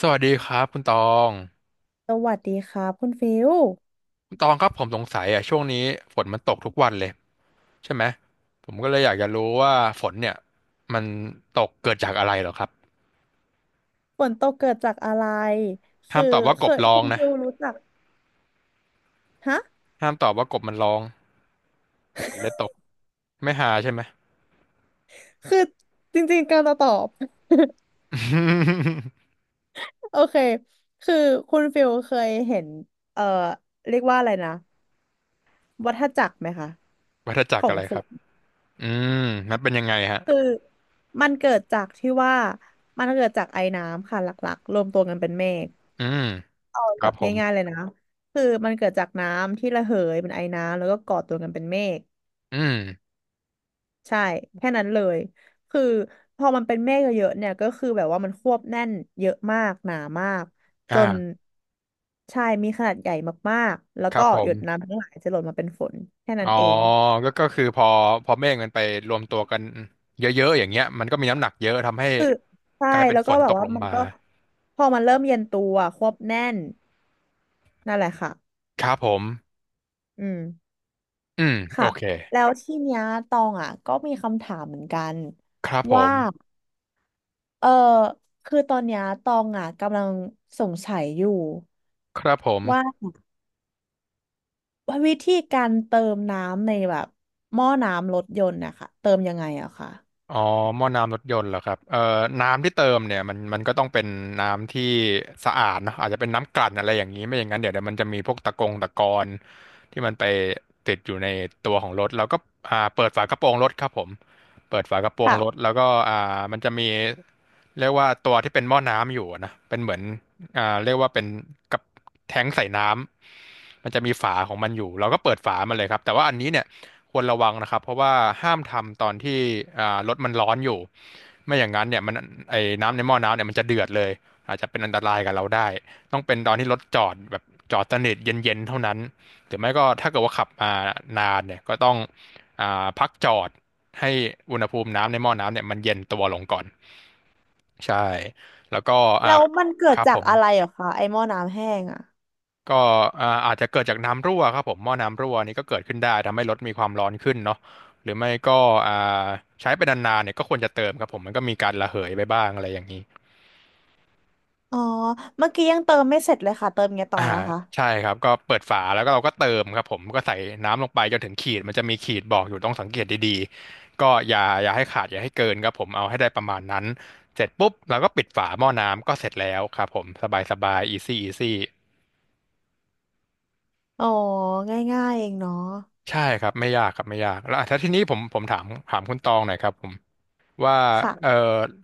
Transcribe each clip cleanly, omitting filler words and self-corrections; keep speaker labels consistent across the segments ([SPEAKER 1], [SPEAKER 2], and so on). [SPEAKER 1] สวัสดีครับคุณตอง
[SPEAKER 2] สวัสดีครับคุณฟิว
[SPEAKER 1] คุณตองครับผมสงสัยอ่ะช่วงนี้ฝนมันตกทุกวันเลยใช่ไหมผมก็เลยอยากจะรู้ว่าฝนเนี่ยมันตกเกิดจากอะไรเหรอครับ
[SPEAKER 2] ฝนตกเกิดจากอะไร
[SPEAKER 1] ห้า
[SPEAKER 2] คือ
[SPEAKER 1] มตอบว่า
[SPEAKER 2] เค
[SPEAKER 1] กบ
[SPEAKER 2] ย
[SPEAKER 1] ร้อ
[SPEAKER 2] คุ
[SPEAKER 1] ง
[SPEAKER 2] ณ
[SPEAKER 1] นะ
[SPEAKER 2] ฟิวรู้จักฮะ
[SPEAKER 1] ห้ามตอบว่ากบมันร้องฝนเลยตกไม่หาใช่ไหม
[SPEAKER 2] คือจริงๆการจะตอบ โอเคคือคุณฟิวเคยเห็นเอ่อเรียกว่าอะไรนะวัฏจักรไหมคะ
[SPEAKER 1] วัฏจั
[SPEAKER 2] ข
[SPEAKER 1] กร
[SPEAKER 2] อง
[SPEAKER 1] อะไร
[SPEAKER 2] ฝ
[SPEAKER 1] ครับ
[SPEAKER 2] น
[SPEAKER 1] อืมนันเป็นยังไงฮะ
[SPEAKER 2] มันเกิดจากที่ว่ามันเกิดจากไอน้ำค่ะหลักๆรวมตัวกันเป็นเมฆ
[SPEAKER 1] อืม
[SPEAKER 2] เอา
[SPEAKER 1] ค
[SPEAKER 2] แบ
[SPEAKER 1] รับ
[SPEAKER 2] บ
[SPEAKER 1] ผม
[SPEAKER 2] ง่ายๆเลยนะคือมันเกิดจากน้ำที่ระเหยเป็นไอน้ำแล้วก็ก่อตัวกันเป็นเมฆ
[SPEAKER 1] อืม
[SPEAKER 2] ใช่แค่นั้นเลยคือพอมันเป็นเมฆเยอะๆเนี่ยก็คือแบบว่ามันควบแน่นเยอะมากหนามากจ
[SPEAKER 1] อ่า
[SPEAKER 2] นใช่มีขนาดใหญ่มากๆแล้ว
[SPEAKER 1] ครั
[SPEAKER 2] ก็
[SPEAKER 1] บผ
[SPEAKER 2] หย
[SPEAKER 1] ม
[SPEAKER 2] ดน้ำทั้งหลายจะหล่นมาเป็นฝนแค่นั้
[SPEAKER 1] อ๋อ
[SPEAKER 2] นเอง
[SPEAKER 1] ก็คือพอ พอเมฆมันไปรวมตัวกันเยอะๆ อย่างเงี้ยมันก็มีน้ำหนักเยอะทำให้
[SPEAKER 2] ใช่
[SPEAKER 1] กลายเป็น
[SPEAKER 2] แล้ว
[SPEAKER 1] ฝ
[SPEAKER 2] ก็
[SPEAKER 1] น
[SPEAKER 2] แบ
[SPEAKER 1] ต
[SPEAKER 2] บ
[SPEAKER 1] ก
[SPEAKER 2] ว่า
[SPEAKER 1] ลง
[SPEAKER 2] มัน
[SPEAKER 1] มา
[SPEAKER 2] ก็พอมันเริ่มเย็นตัวควบแน่นนั่นแหละค่ะ
[SPEAKER 1] ครับผม
[SPEAKER 2] อืม
[SPEAKER 1] อืม โอ
[SPEAKER 2] ค่ะ
[SPEAKER 1] เค
[SPEAKER 2] แล้วที่เนี้ยตองอ่ะก็มีคำถามเหมือนกัน
[SPEAKER 1] ครับผ
[SPEAKER 2] ว่า
[SPEAKER 1] ม
[SPEAKER 2] เออคือตอนเนี้ยตองอ่ะกำลังสงสัยอยู่
[SPEAKER 1] ครับผม
[SPEAKER 2] ว่า วิธีการเติมน้ำในแบบหม้อน้ำรถยนต์นะคะเติมยังไงอะคะ
[SPEAKER 1] อ๋อหม้อน้ำรถยนต์เหรอครับน้ำที่เติมเนี่ยมันก็ต้องเป็นน้ำที่สะอาดเนอะอาจจะเป็นน้ำกลั่นอะไรอย่างนี้ไม่อย่างนั้นเดี๋ยวมันจะมีพวกตะกงตะกอนที่มันไปติดอยู่ในตัวของรถแล้วก็เปิดฝากระโปรงรถครับผมเปิดฝากระโปรง
[SPEAKER 2] ค่ะ
[SPEAKER 1] รถแล้วก็มันจะมีเรียกว่าตัวที่เป็นหม้อน้ำอยู่อะนะเป็นเหมือนเรียกว่าเป็นกับแท้งใส่น้ำมันจะมีฝาของมันอยู่เราก็เปิดฝามันเลยครับแต่ว่าอันนี้เนี่ย ควรระวังนะครับเพราะว่าห้ามทำตอนที่รถมันร้อนอยู่ไม่อย่างนั้นเนี่ยมันไอ้น้ำในหม้อน้ำเนี่ยมันจะเดือดเลยอาจจะเป็นอันตรายกับเราได้ต้องเป็นตอนที่รถจอดแบบจอดสนิทเย็นๆเท่านั้นหรือไม่ก็ถ้าเกิดว่าขับมานานเนี่ยก็ต้องพักจอดให้อุณหภูมิน้ำในหม้อน้ำเนี่ยมันเย็นตัวลงก่อนใช่แล้วก็อ่า
[SPEAKER 2] แล้วมันเกิ
[SPEAKER 1] ค
[SPEAKER 2] ด
[SPEAKER 1] รับ
[SPEAKER 2] จา
[SPEAKER 1] ผ
[SPEAKER 2] ก
[SPEAKER 1] ม
[SPEAKER 2] อะไรเหรอคะไอหม้อน้ำแห้งอะ
[SPEAKER 1] ก็อาจจะเกิดจากน้ำรั่วครับผมหม้อน้ำรั่วนี่ก็เกิดขึ้นได้ทำให้รถมีความร้อนขึ้นเนาะหรือไม่ก็อ่าใช้ไปนานๆเนี่ยก็ควรจะเติมครับผมมันก็มีการระเหยไปบ้างอะไรอย่างนี้
[SPEAKER 2] อ๋อเมื่อกี้ยังเติมไม่เสร็จเลยค่ะเติมไงต่อ
[SPEAKER 1] อ่า
[SPEAKER 2] นะคะ
[SPEAKER 1] ใช่ครับก็เปิดฝาแล้วก็เราก็เติมครับผมก็ใส่น้ำลงไปจนถึงขีดมันจะมีขีดบอกอยู่ต้องสังเกตดีๆก็อย่าให้ขาดอย่าให้เกินครับผมเอาให้ได้ประมาณนั้นเสร็จปุ๊บเราก็ปิดฝาหม้อน้ำก็เสร็จแล้วครับผมสบายสบายอีซี่อีซี่
[SPEAKER 2] อ๋อง่ายๆเองเนาะ
[SPEAKER 1] ใช่ครับไม่ยากครับไม่ยากแล้วอ่ะถ้าทีนี้ผมถามถามคุณตองหน่อยครับผม ว่า
[SPEAKER 2] ค่ะ
[SPEAKER 1] เอ่อ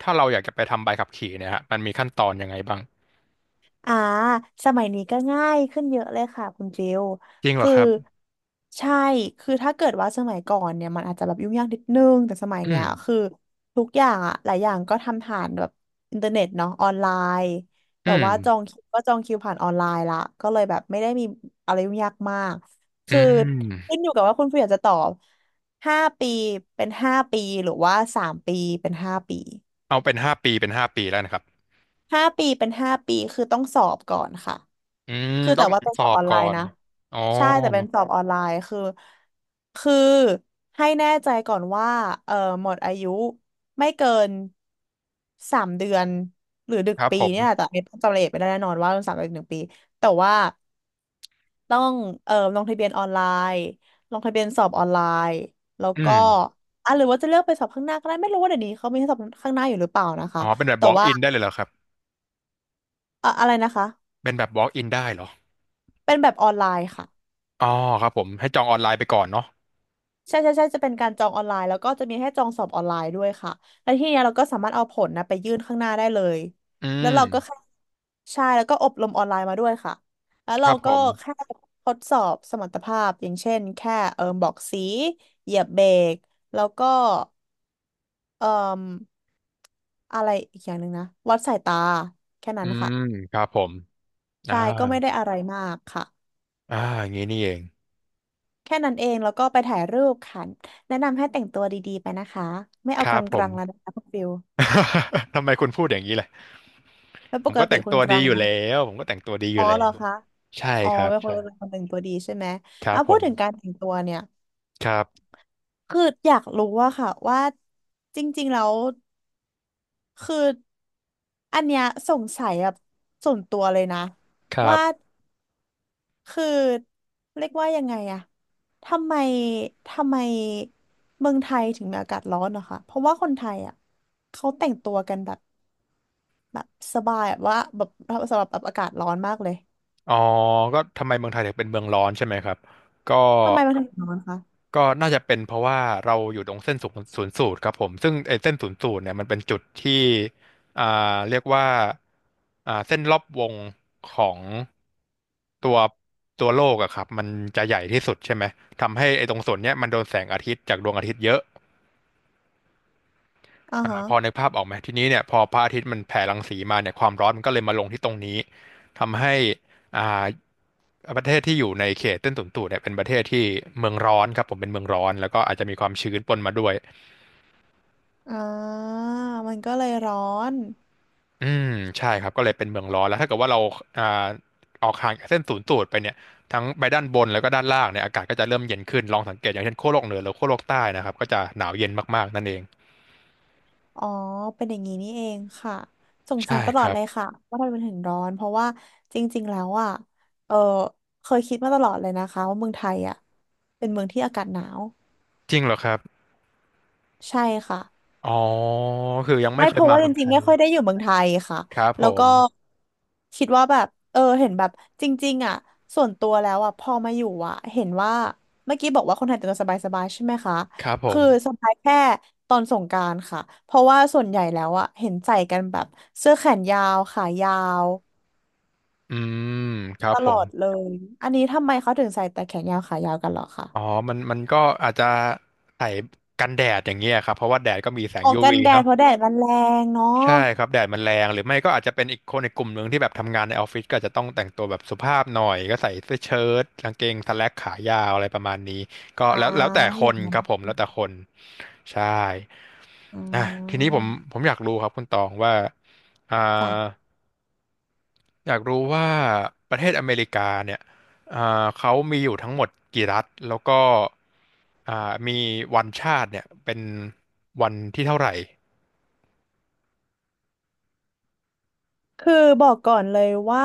[SPEAKER 1] ถ้าเราอยากจะไปทำใบขับขี่เนี่ยฮะมันมีขั้นตอนยังไงบ้าง
[SPEAKER 2] อ่าสมัยนี้ก็ง่ายขึ้นเยอะเลยค่ะคุณฟิล
[SPEAKER 1] จริงเหรอ
[SPEAKER 2] คือ
[SPEAKER 1] ครับ
[SPEAKER 2] ใช่คือถ้าเกิดว่าสมัยก่อนเนี่ยมันอาจจะแบบยุ่งยากนิดนึงแต่สมัย
[SPEAKER 1] อื
[SPEAKER 2] เนี้
[SPEAKER 1] ม
[SPEAKER 2] ยคือทุกอย่างอะหลายอย่างก็ทำผ่านแบบอินเทอร์เน็ตเนาะออนไลน์
[SPEAKER 1] อื
[SPEAKER 2] แบบ
[SPEAKER 1] ม
[SPEAKER 2] ว่าจองคิวก็จองคิวผ่านออนไลน์ละก็เลยแบบไม่ได้มีอะไรยุ่งยากมาก
[SPEAKER 1] อื
[SPEAKER 2] คือขึ้น
[SPEAKER 1] ม
[SPEAKER 2] อยู่กับว่าคุณฟิลอยากจะตอบห้าปีเป็นห้าปีหรือว่า3 ปีเป็นห้าปี
[SPEAKER 1] เอาเป็นห้าปีเป็นห้าปีแล้วนะครับ
[SPEAKER 2] ห้าปีเป็นห้าปีคือต้องสอบก่อนค่ะ
[SPEAKER 1] อืม
[SPEAKER 2] คือ
[SPEAKER 1] ต้อ
[SPEAKER 2] แต่
[SPEAKER 1] ง
[SPEAKER 2] ว่าเป็น
[SPEAKER 1] ส
[SPEAKER 2] ส
[SPEAKER 1] อ
[SPEAKER 2] อบ
[SPEAKER 1] บ
[SPEAKER 2] ออนไล
[SPEAKER 1] ก่อ
[SPEAKER 2] น์
[SPEAKER 1] น
[SPEAKER 2] นะ
[SPEAKER 1] อ๋อ
[SPEAKER 2] ใช่แต่เป็นสอบออนไลน์คือให้แน่ใจก่อนว่าเออหมดอายุไม่เกินสามเดือนหรือดึ
[SPEAKER 1] ค
[SPEAKER 2] ก
[SPEAKER 1] รับ
[SPEAKER 2] ปี
[SPEAKER 1] ผม
[SPEAKER 2] เนี่ยแหละแต่ไม่จำรายละเอียดไม่ได้แน่นอนว่าสามเดือนหรือ1 ปีแต่ว่าต้องเออลงทะเบียนออนไลน์ลงทะเบียนสอบออนไลน์แล้ว
[SPEAKER 1] อื
[SPEAKER 2] ก็
[SPEAKER 1] ม
[SPEAKER 2] อ่ะหรือว่าจะเลือกไปสอบข้างหน้าก็ได้ไม่รู้ว่าเดี๋ยวนี้เขามีให้สอบข้างหน้าอยู่หรือเปล่านะคะ
[SPEAKER 1] อ๋อเป็นแบบ
[SPEAKER 2] แต่
[SPEAKER 1] walk
[SPEAKER 2] ว่า
[SPEAKER 1] in ได้เลยเหรอครับ
[SPEAKER 2] อะไรนะคะ
[SPEAKER 1] เป็นแบบ walk in ได้เหรอ
[SPEAKER 2] เป็นแบบออนไลน์ค่ะ
[SPEAKER 1] อ๋อครับผมให้จองออนไลน์ไปก่อนเนาะ
[SPEAKER 2] ใช่ใช่ใช่จะเป็นการจองออนไลน์แล้วก็จะมีให้จองสอบออนไลน์ด้วยค่ะแล้วทีเนี้ยเราก็สามารถเอาผลนะไปยื่นข้างหน้าได้เลย
[SPEAKER 1] อื
[SPEAKER 2] แล้ว
[SPEAKER 1] ม
[SPEAKER 2] เราก็แค่ใช่แล้วก็อบรมออนไลน์มาด้วยค่ะแล้ว
[SPEAKER 1] ค
[SPEAKER 2] เรา
[SPEAKER 1] รับผ
[SPEAKER 2] ก็
[SPEAKER 1] ม
[SPEAKER 2] แค่ทดสอบสมรรถภาพอย่างเช่นแค่เอิมบอกสีเหยียบเบรกแล้วก็เอิมอะไรอีกอย่างหนึ่งนะวัดสายตาแค่
[SPEAKER 1] อื
[SPEAKER 2] นั้นค่ะ
[SPEAKER 1] มครับผมอ่า
[SPEAKER 2] ใช่ก็ไม่ได้อะไรมากค่ะ
[SPEAKER 1] อ่าอย่างนี้นี่เอง
[SPEAKER 2] แค่นั้นเองแล้วก็ไปถ่ายรูปค่ะแนะนำให้แต่งตัวดีๆไปนะคะไม่
[SPEAKER 1] ค
[SPEAKER 2] เอาก
[SPEAKER 1] รับผม
[SPEAKER 2] ลางๆแล้วนะคะคุณฟิล
[SPEAKER 1] ทำไมคุณพูดอย่างนี้ล่ะ
[SPEAKER 2] แล้ว
[SPEAKER 1] ผ
[SPEAKER 2] ป
[SPEAKER 1] ม
[SPEAKER 2] ก
[SPEAKER 1] ก็แต่
[SPEAKER 2] ติ
[SPEAKER 1] ง
[SPEAKER 2] ค
[SPEAKER 1] ตั
[SPEAKER 2] น
[SPEAKER 1] ว
[SPEAKER 2] ก
[SPEAKER 1] ดี
[SPEAKER 2] ลาง
[SPEAKER 1] อยู่
[SPEAKER 2] นะ
[SPEAKER 1] แล้วผมก็แต่งตัวดีอ
[SPEAKER 2] อ๋อ
[SPEAKER 1] ยู่แล้
[SPEAKER 2] เหรอ
[SPEAKER 1] ว
[SPEAKER 2] คะ
[SPEAKER 1] ใช่
[SPEAKER 2] อ๋อ
[SPEAKER 1] ครับ
[SPEAKER 2] เป็นค
[SPEAKER 1] ใช่
[SPEAKER 2] นเป็นคนแต่งตัวดีใช่ไหม
[SPEAKER 1] ครั
[SPEAKER 2] เอ่ะ
[SPEAKER 1] บผ
[SPEAKER 2] พูดถึงกา
[SPEAKER 1] ม
[SPEAKER 2] รแต่งตัวเนี่ย
[SPEAKER 1] ครับ
[SPEAKER 2] คืออยากรู้ว่าค่ะว่าจริงๆแล้วคืออันเนี้ยสงสัยแบบส่วนตัวเลยนะ
[SPEAKER 1] ครับ
[SPEAKER 2] ว่าคือเรียกว่ายังไงอะทำไมทำไมเมืองไทยถึงมีอากาศร้อนเะรอคะเพราะว่าคนไทยอะเขาแต่งตัวกันแบบแบบสบายแบบว่าแบบสำหรับแบบอากาศร้อนมากเลย
[SPEAKER 1] อ๋อก็ทำไมเมืองไทยถึงเป็นเมืองร้อนใช่ไหมครับก็
[SPEAKER 2] ทำไมมันถึงร้อนคะ
[SPEAKER 1] ก็น่าจะเป็นเพราะว่าเราอยู่ตรงเส้นศูนย์สูตรครับผมซึ่งไอ้เส้นศูนย์สูตรเนี่ยมันเป็นจุดที่อ่าเรียกว่าเส้นรอบวงของตัวตัวโลกอะครับมันจะใหญ่ที่สุดใช่ไหมทำให้ไอ้ตรงส่วนเนี้ยมันโดนแสงอาทิตย์จากดวงอาทิตย์เยอะ
[SPEAKER 2] อ่าฮะ
[SPEAKER 1] พอนึกภาพออกไหมทีนี้เนี่ยพอพระอาทิตย์มันแผ่รังสีมาเนี่ยความร้อนมันก็เลยมาลงที่ตรงนี้ทำให้อ่าประเทศที่อยู่ในเขตเส้นสูนสูดเนี่ยเป็นประเทศที่เมืองร้อนครับผมเป็นเมืองร้อนแล้วก็อาจจะมีความชื้นปนมาด้วย
[SPEAKER 2] อ่า มันก็เลยร้อน
[SPEAKER 1] อืมใช่ครับก็เลยเป็นเมืองร้อนแล้วถ้าเกิดว่าเราอ่าออกห่างจากเส้นศูนย์สูตรไปเนี่ยทั้งไปด้านบนแล้วก็ด้านล่างเนี่ยอากาศก็จะเริ่มเย็นขึ้นลองสังเกตอย่างเช่นขั้วโลกเหนือหรือขั้วโลกใต้นะครับก็จะหนาวเย็นมากๆนั่นเอง
[SPEAKER 2] อ๋อ เป็นอย่างนี้นี่เองค่ะสงสัย
[SPEAKER 1] ใช่
[SPEAKER 2] ตล
[SPEAKER 1] ค
[SPEAKER 2] อด
[SPEAKER 1] รั
[SPEAKER 2] เล
[SPEAKER 1] บ
[SPEAKER 2] ยค่ะ ว่าทำไมมันถึงร้อน เพราะว่าจริงๆ แล้วอ่ะ เออ เคยคิดมาตลอดเลยนะคะว่าเมืองไทยอ่ะ เป็นเมืองที่อากาศหนาว
[SPEAKER 1] จริงเหรอครับ
[SPEAKER 2] ใช่ค่ะ
[SPEAKER 1] อ๋อคือยังไม่
[SPEAKER 2] ไม่
[SPEAKER 1] เค
[SPEAKER 2] เพ
[SPEAKER 1] ย
[SPEAKER 2] ราะ
[SPEAKER 1] มา
[SPEAKER 2] ว่าจ
[SPEAKER 1] เมืองไท
[SPEAKER 2] ริงๆ
[SPEAKER 1] ย
[SPEAKER 2] ไม่ค่อยได้อยู่เมืองไทยค่ะ
[SPEAKER 1] ครับผ
[SPEAKER 2] แล้วก็
[SPEAKER 1] ม
[SPEAKER 2] คิดว่าแบบเออเห็นแบบจริงๆอ่ะส่วนตัวแล้วอ่ะพอมาอยู่อ่ะเห็นว่าเมื่อกี้บอกว่าคนไทยแต่งตัวสบายๆใช่ไหมคะ
[SPEAKER 1] ครับผ
[SPEAKER 2] คือ
[SPEAKER 1] ม
[SPEAKER 2] สบายแค่ตอนสงกรานต์ค่ะเพราะว่าส่วนใหญ่แล้วอ่ะเห็นใส่กันแบบเสื้อแขนยาวขายาว
[SPEAKER 1] อืมครั
[SPEAKER 2] ต
[SPEAKER 1] บผ
[SPEAKER 2] ลอ
[SPEAKER 1] ม
[SPEAKER 2] ดเลยอันนี้ทำไมเขาถึงใส่แต่แขนยาวขายาวกันเหรอคะ
[SPEAKER 1] อ๋อมันก็อาจจะใส่กันแดดอย่างเงี้ยครับ เพราะว่าแดดก็มีแสง
[SPEAKER 2] ออกกัน
[SPEAKER 1] UV
[SPEAKER 2] แดด
[SPEAKER 1] เนาะ
[SPEAKER 2] เพราะแดดมันแรงเนาะ
[SPEAKER 1] ใช่ครับแดดมันแรงหรือไม่ก็อาจจะเป็นอีกคนในกลุ่มหนึ่งที่แบบทำงานในออฟฟิศก็อาจจะต้องแต่งตัวแบบสุภาพหน่อยก็ใส่เสื้อเชิ้ตกางเกงสแล็กขายาวอะไรประมาณนี้ก็
[SPEAKER 2] อ่า
[SPEAKER 1] แล้วแต่ค
[SPEAKER 2] อย่า
[SPEAKER 1] น
[SPEAKER 2] งนั้
[SPEAKER 1] ค
[SPEAKER 2] น
[SPEAKER 1] รับผม แล้วแต่คน ใช่
[SPEAKER 2] อ่
[SPEAKER 1] อ่ะที
[SPEAKER 2] า
[SPEAKER 1] นี้ผมอยากรู้ครับคุณตองว่าอ่า
[SPEAKER 2] จ้ะ
[SPEAKER 1] อยากรู้ว่าประเทศอเมริกาเนี่ยอ่าเขามีอยู่ทั้งหมดกี่รัฐแล้วก็อ่ามีวันชาติเนี่ยเป็นวันที่เท่าไหร่
[SPEAKER 2] คือบอกก่อนเลยว่า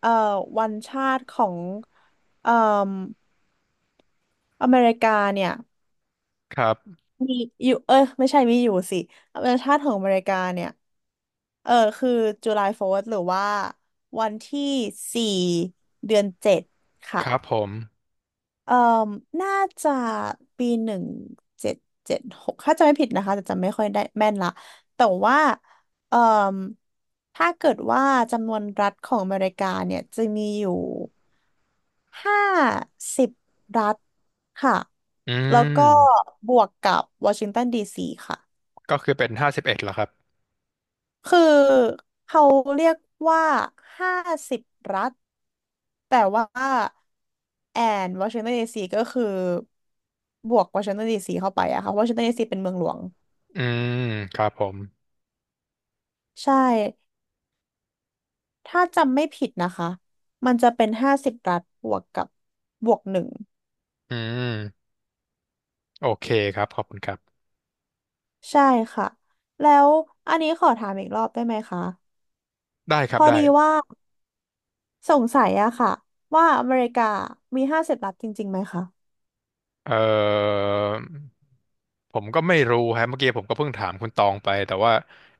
[SPEAKER 2] เอ่อวันชาติของเอ่มอเมริกาเนี่ย
[SPEAKER 1] ครับ
[SPEAKER 2] มีอยู่เออไม่ใช่มีอยู่สิวันชาติของอเมริกาเนี่ยเออคือ July 4th หรือว่าวันที่สี่เดือนเจ็ดค่ะ
[SPEAKER 1] ครับผม
[SPEAKER 2] เอ่อน่าจะปี 1776ถ้าจำไม่ผิดนะคะแต่จำไม่ค่อยได้แม่นละ แต่ว่าเอ่อถ้าเกิดว่าจำนวนรัฐของอเมริกาเนี่ยจะมีอยู่ห้าสิบรัฐค่ะ
[SPEAKER 1] อื
[SPEAKER 2] แล้วก็
[SPEAKER 1] ม
[SPEAKER 2] บวกกับวอชิงตันดีซีค่ะ
[SPEAKER 1] ก็คือเป็น51เหรอครับ
[SPEAKER 2] คือเขาเรียกว่า50 รัฐแต่ว่าแอนวอชิงตันดีซีก็คือบวกวอชิงตันดีซีเข้าไปอะค่ะวอชิงตันดีซีเป็นเมืองหลวง
[SPEAKER 1] อืมครับผม
[SPEAKER 2] ใช่ถ้าจำไม่ผิดนะคะมันจะเป็นห้าสิบรัฐบวกกับบวก 1
[SPEAKER 1] อืมโอเคครับขอบคุณครับ
[SPEAKER 2] ใช่ค่ะแล้วอันนี้ขอถามอีกรอบได้ไหมคะ
[SPEAKER 1] ได้ค
[SPEAKER 2] พ
[SPEAKER 1] รับ
[SPEAKER 2] อ
[SPEAKER 1] ได้
[SPEAKER 2] ดีว่าสงสัยอะค่ะว่าอเมริกามีห้าสิบรัฐจริงๆไหมคะ
[SPEAKER 1] เอ่อผมก็ไม่รู้ฮะเมื่อกี้ผมก็เพิ่งถามคุณตองไปแต่ว่า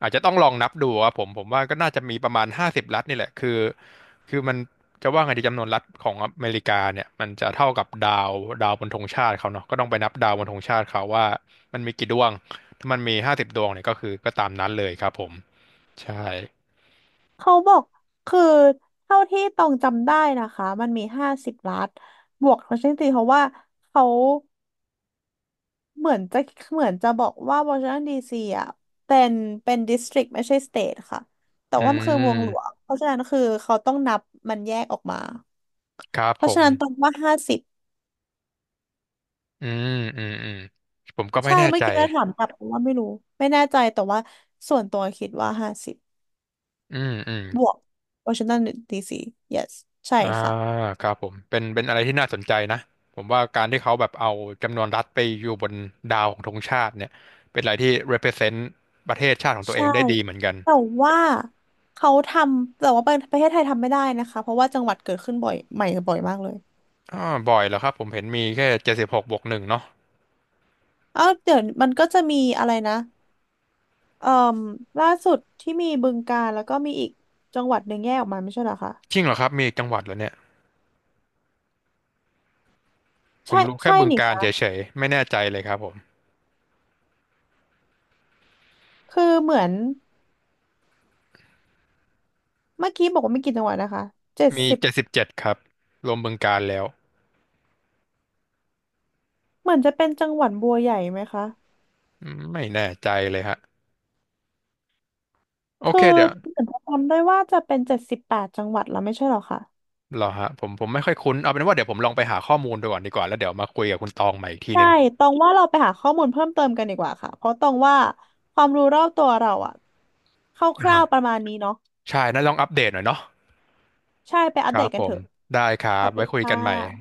[SPEAKER 1] อาจจะต้องลองนับดูครับผมผมว่าก็น่าจะมีประมาณห้าสิบรัฐนี่แหละคือมันจะว่าไงดีจำนวนรัฐของอเมริกาเนี่ยมันจะเท่ากับดาวดาวบนธงชาติเขาเนาะก็ต้องไปนับดาวบนธงชาติเขาว่ามันมีกี่ดวงถ้ามันมีห้าสิบดวงเนี่ยก็คือก็ตามนั้นเลยครับผมใช่
[SPEAKER 2] เขาบอกคือเท่าที่ตองจำได้นะคะมันมี50 ล้านบวกวอชิงตันดีซีเพราะว่าเขาเหมือนจะเหมือนจะบอกว่าวอชิงตันดีซีอ่ะเป็นเป็นดิสตริกไม่ใช่สเตทค่ะแต่
[SPEAKER 1] อื
[SPEAKER 2] ว่ามันคือเมืองหลว
[SPEAKER 1] ม
[SPEAKER 2] งเพราะฉะนั้นคือเขาต้องนับมันแยกออกมา
[SPEAKER 1] ครับ
[SPEAKER 2] เพ
[SPEAKER 1] ผ
[SPEAKER 2] ราะฉะ
[SPEAKER 1] ม
[SPEAKER 2] นั้นตองว่าห้าสิบ
[SPEAKER 1] อืมอืมอืมผมก็ไม่
[SPEAKER 2] ใช่
[SPEAKER 1] แน่
[SPEAKER 2] เมื่
[SPEAKER 1] ใจ
[SPEAKER 2] อกี้เราถามกลับเพราะว่าไม่รู้ไม่แน่ใจแต่ว่าส่วนตัวคิดว่าห้าสิบ
[SPEAKER 1] อืมอืม
[SPEAKER 2] บวกวอชิงตันดีซี yes ใช่
[SPEAKER 1] อ่า
[SPEAKER 2] ค่ะ
[SPEAKER 1] ครับผมเป็นอะไรที่น่าสนใจนะผมว่าการที่เขาแบบเอาจำนวนรัฐไปอยู่บนดาวของธงชาติเนี่ยเป็นอะไรที่ represent ประเทศชาติของตัวเอ
[SPEAKER 2] ใช่
[SPEAKER 1] งได้ดีเหมือนกัน
[SPEAKER 2] แต่ว่าเขาทำแต่ว่าประเทศไทยทำไม่ได้นะคะเพราะว่าจังหวัดเกิดขึ้นบ่อยใหม่บ่อยมากเลย
[SPEAKER 1] อ่าบ่อยเหรอครับผมเห็นมีแค่76บวกหนึ่งเนาะ
[SPEAKER 2] เอ้าเดี๋ยวมันก็จะมีอะไรนะเอ่อล่าสุดที่มีบึงกาฬแล้วก็มีอีกจังหวัดหนึ่งแยกออกมาไม่ใช่เหรอคะ
[SPEAKER 1] จริงเหรอครับมีอีกจังหวัดเหรอเนี่ยผ
[SPEAKER 2] ใช่
[SPEAKER 1] มรู้แค่
[SPEAKER 2] ใช่
[SPEAKER 1] บึง
[SPEAKER 2] นี่
[SPEAKER 1] กาฬ
[SPEAKER 2] คะ
[SPEAKER 1] เฉยๆไม่แน่ใจเลยครับผม
[SPEAKER 2] คือเหมือนเมื่อกี้บอกว่าไม่กี่จังหวัดนะคะเจ็ด
[SPEAKER 1] มี
[SPEAKER 2] สิบ
[SPEAKER 1] 77ครับรวมบึงกาฬแล้ว
[SPEAKER 2] เหมือนจะเป็นจังหวัดบัวใหญ่ไหมคะ
[SPEAKER 1] อืมไม่แน่ใจเลยฮะโอ
[SPEAKER 2] คื
[SPEAKER 1] เค
[SPEAKER 2] อ
[SPEAKER 1] เดี๋ยว
[SPEAKER 2] เหมือนจะจำได้ว่าจะเป็น78 จังหวัดแล้วไม่ใช่เหรอคะ
[SPEAKER 1] เหรอฮะผมไม่ค่อยคุ้นเอาเป็นว่าเดี๋ยวผมลองไปหาข้อมูลดูก่อนดีกว่าแล้วเดี๋ยวมาคุยกับคุณตองใหม่อีกที
[SPEAKER 2] ใช่
[SPEAKER 1] นึง
[SPEAKER 2] ตองว่าเราไปหาข้อมูลเพิ่มเติมกันดีกว่าค่ะเพราะตองว่าความรู้รอบตัวเราอะคร่า
[SPEAKER 1] อ่า
[SPEAKER 2] วๆประมาณนี้เนาะ
[SPEAKER 1] ใช่น่าลองอัปเดตหน่อยเนาะ
[SPEAKER 2] ใช่ไปอั
[SPEAKER 1] ค
[SPEAKER 2] ปเด
[SPEAKER 1] รับ
[SPEAKER 2] ตกั
[SPEAKER 1] ผ
[SPEAKER 2] นเถ
[SPEAKER 1] ม
[SPEAKER 2] อะ
[SPEAKER 1] ได้ครั
[SPEAKER 2] ขอ
[SPEAKER 1] บ
[SPEAKER 2] บคุ
[SPEAKER 1] ไว้
[SPEAKER 2] ณ
[SPEAKER 1] คุ
[SPEAKER 2] ค
[SPEAKER 1] ยกันใหม่
[SPEAKER 2] ่ะ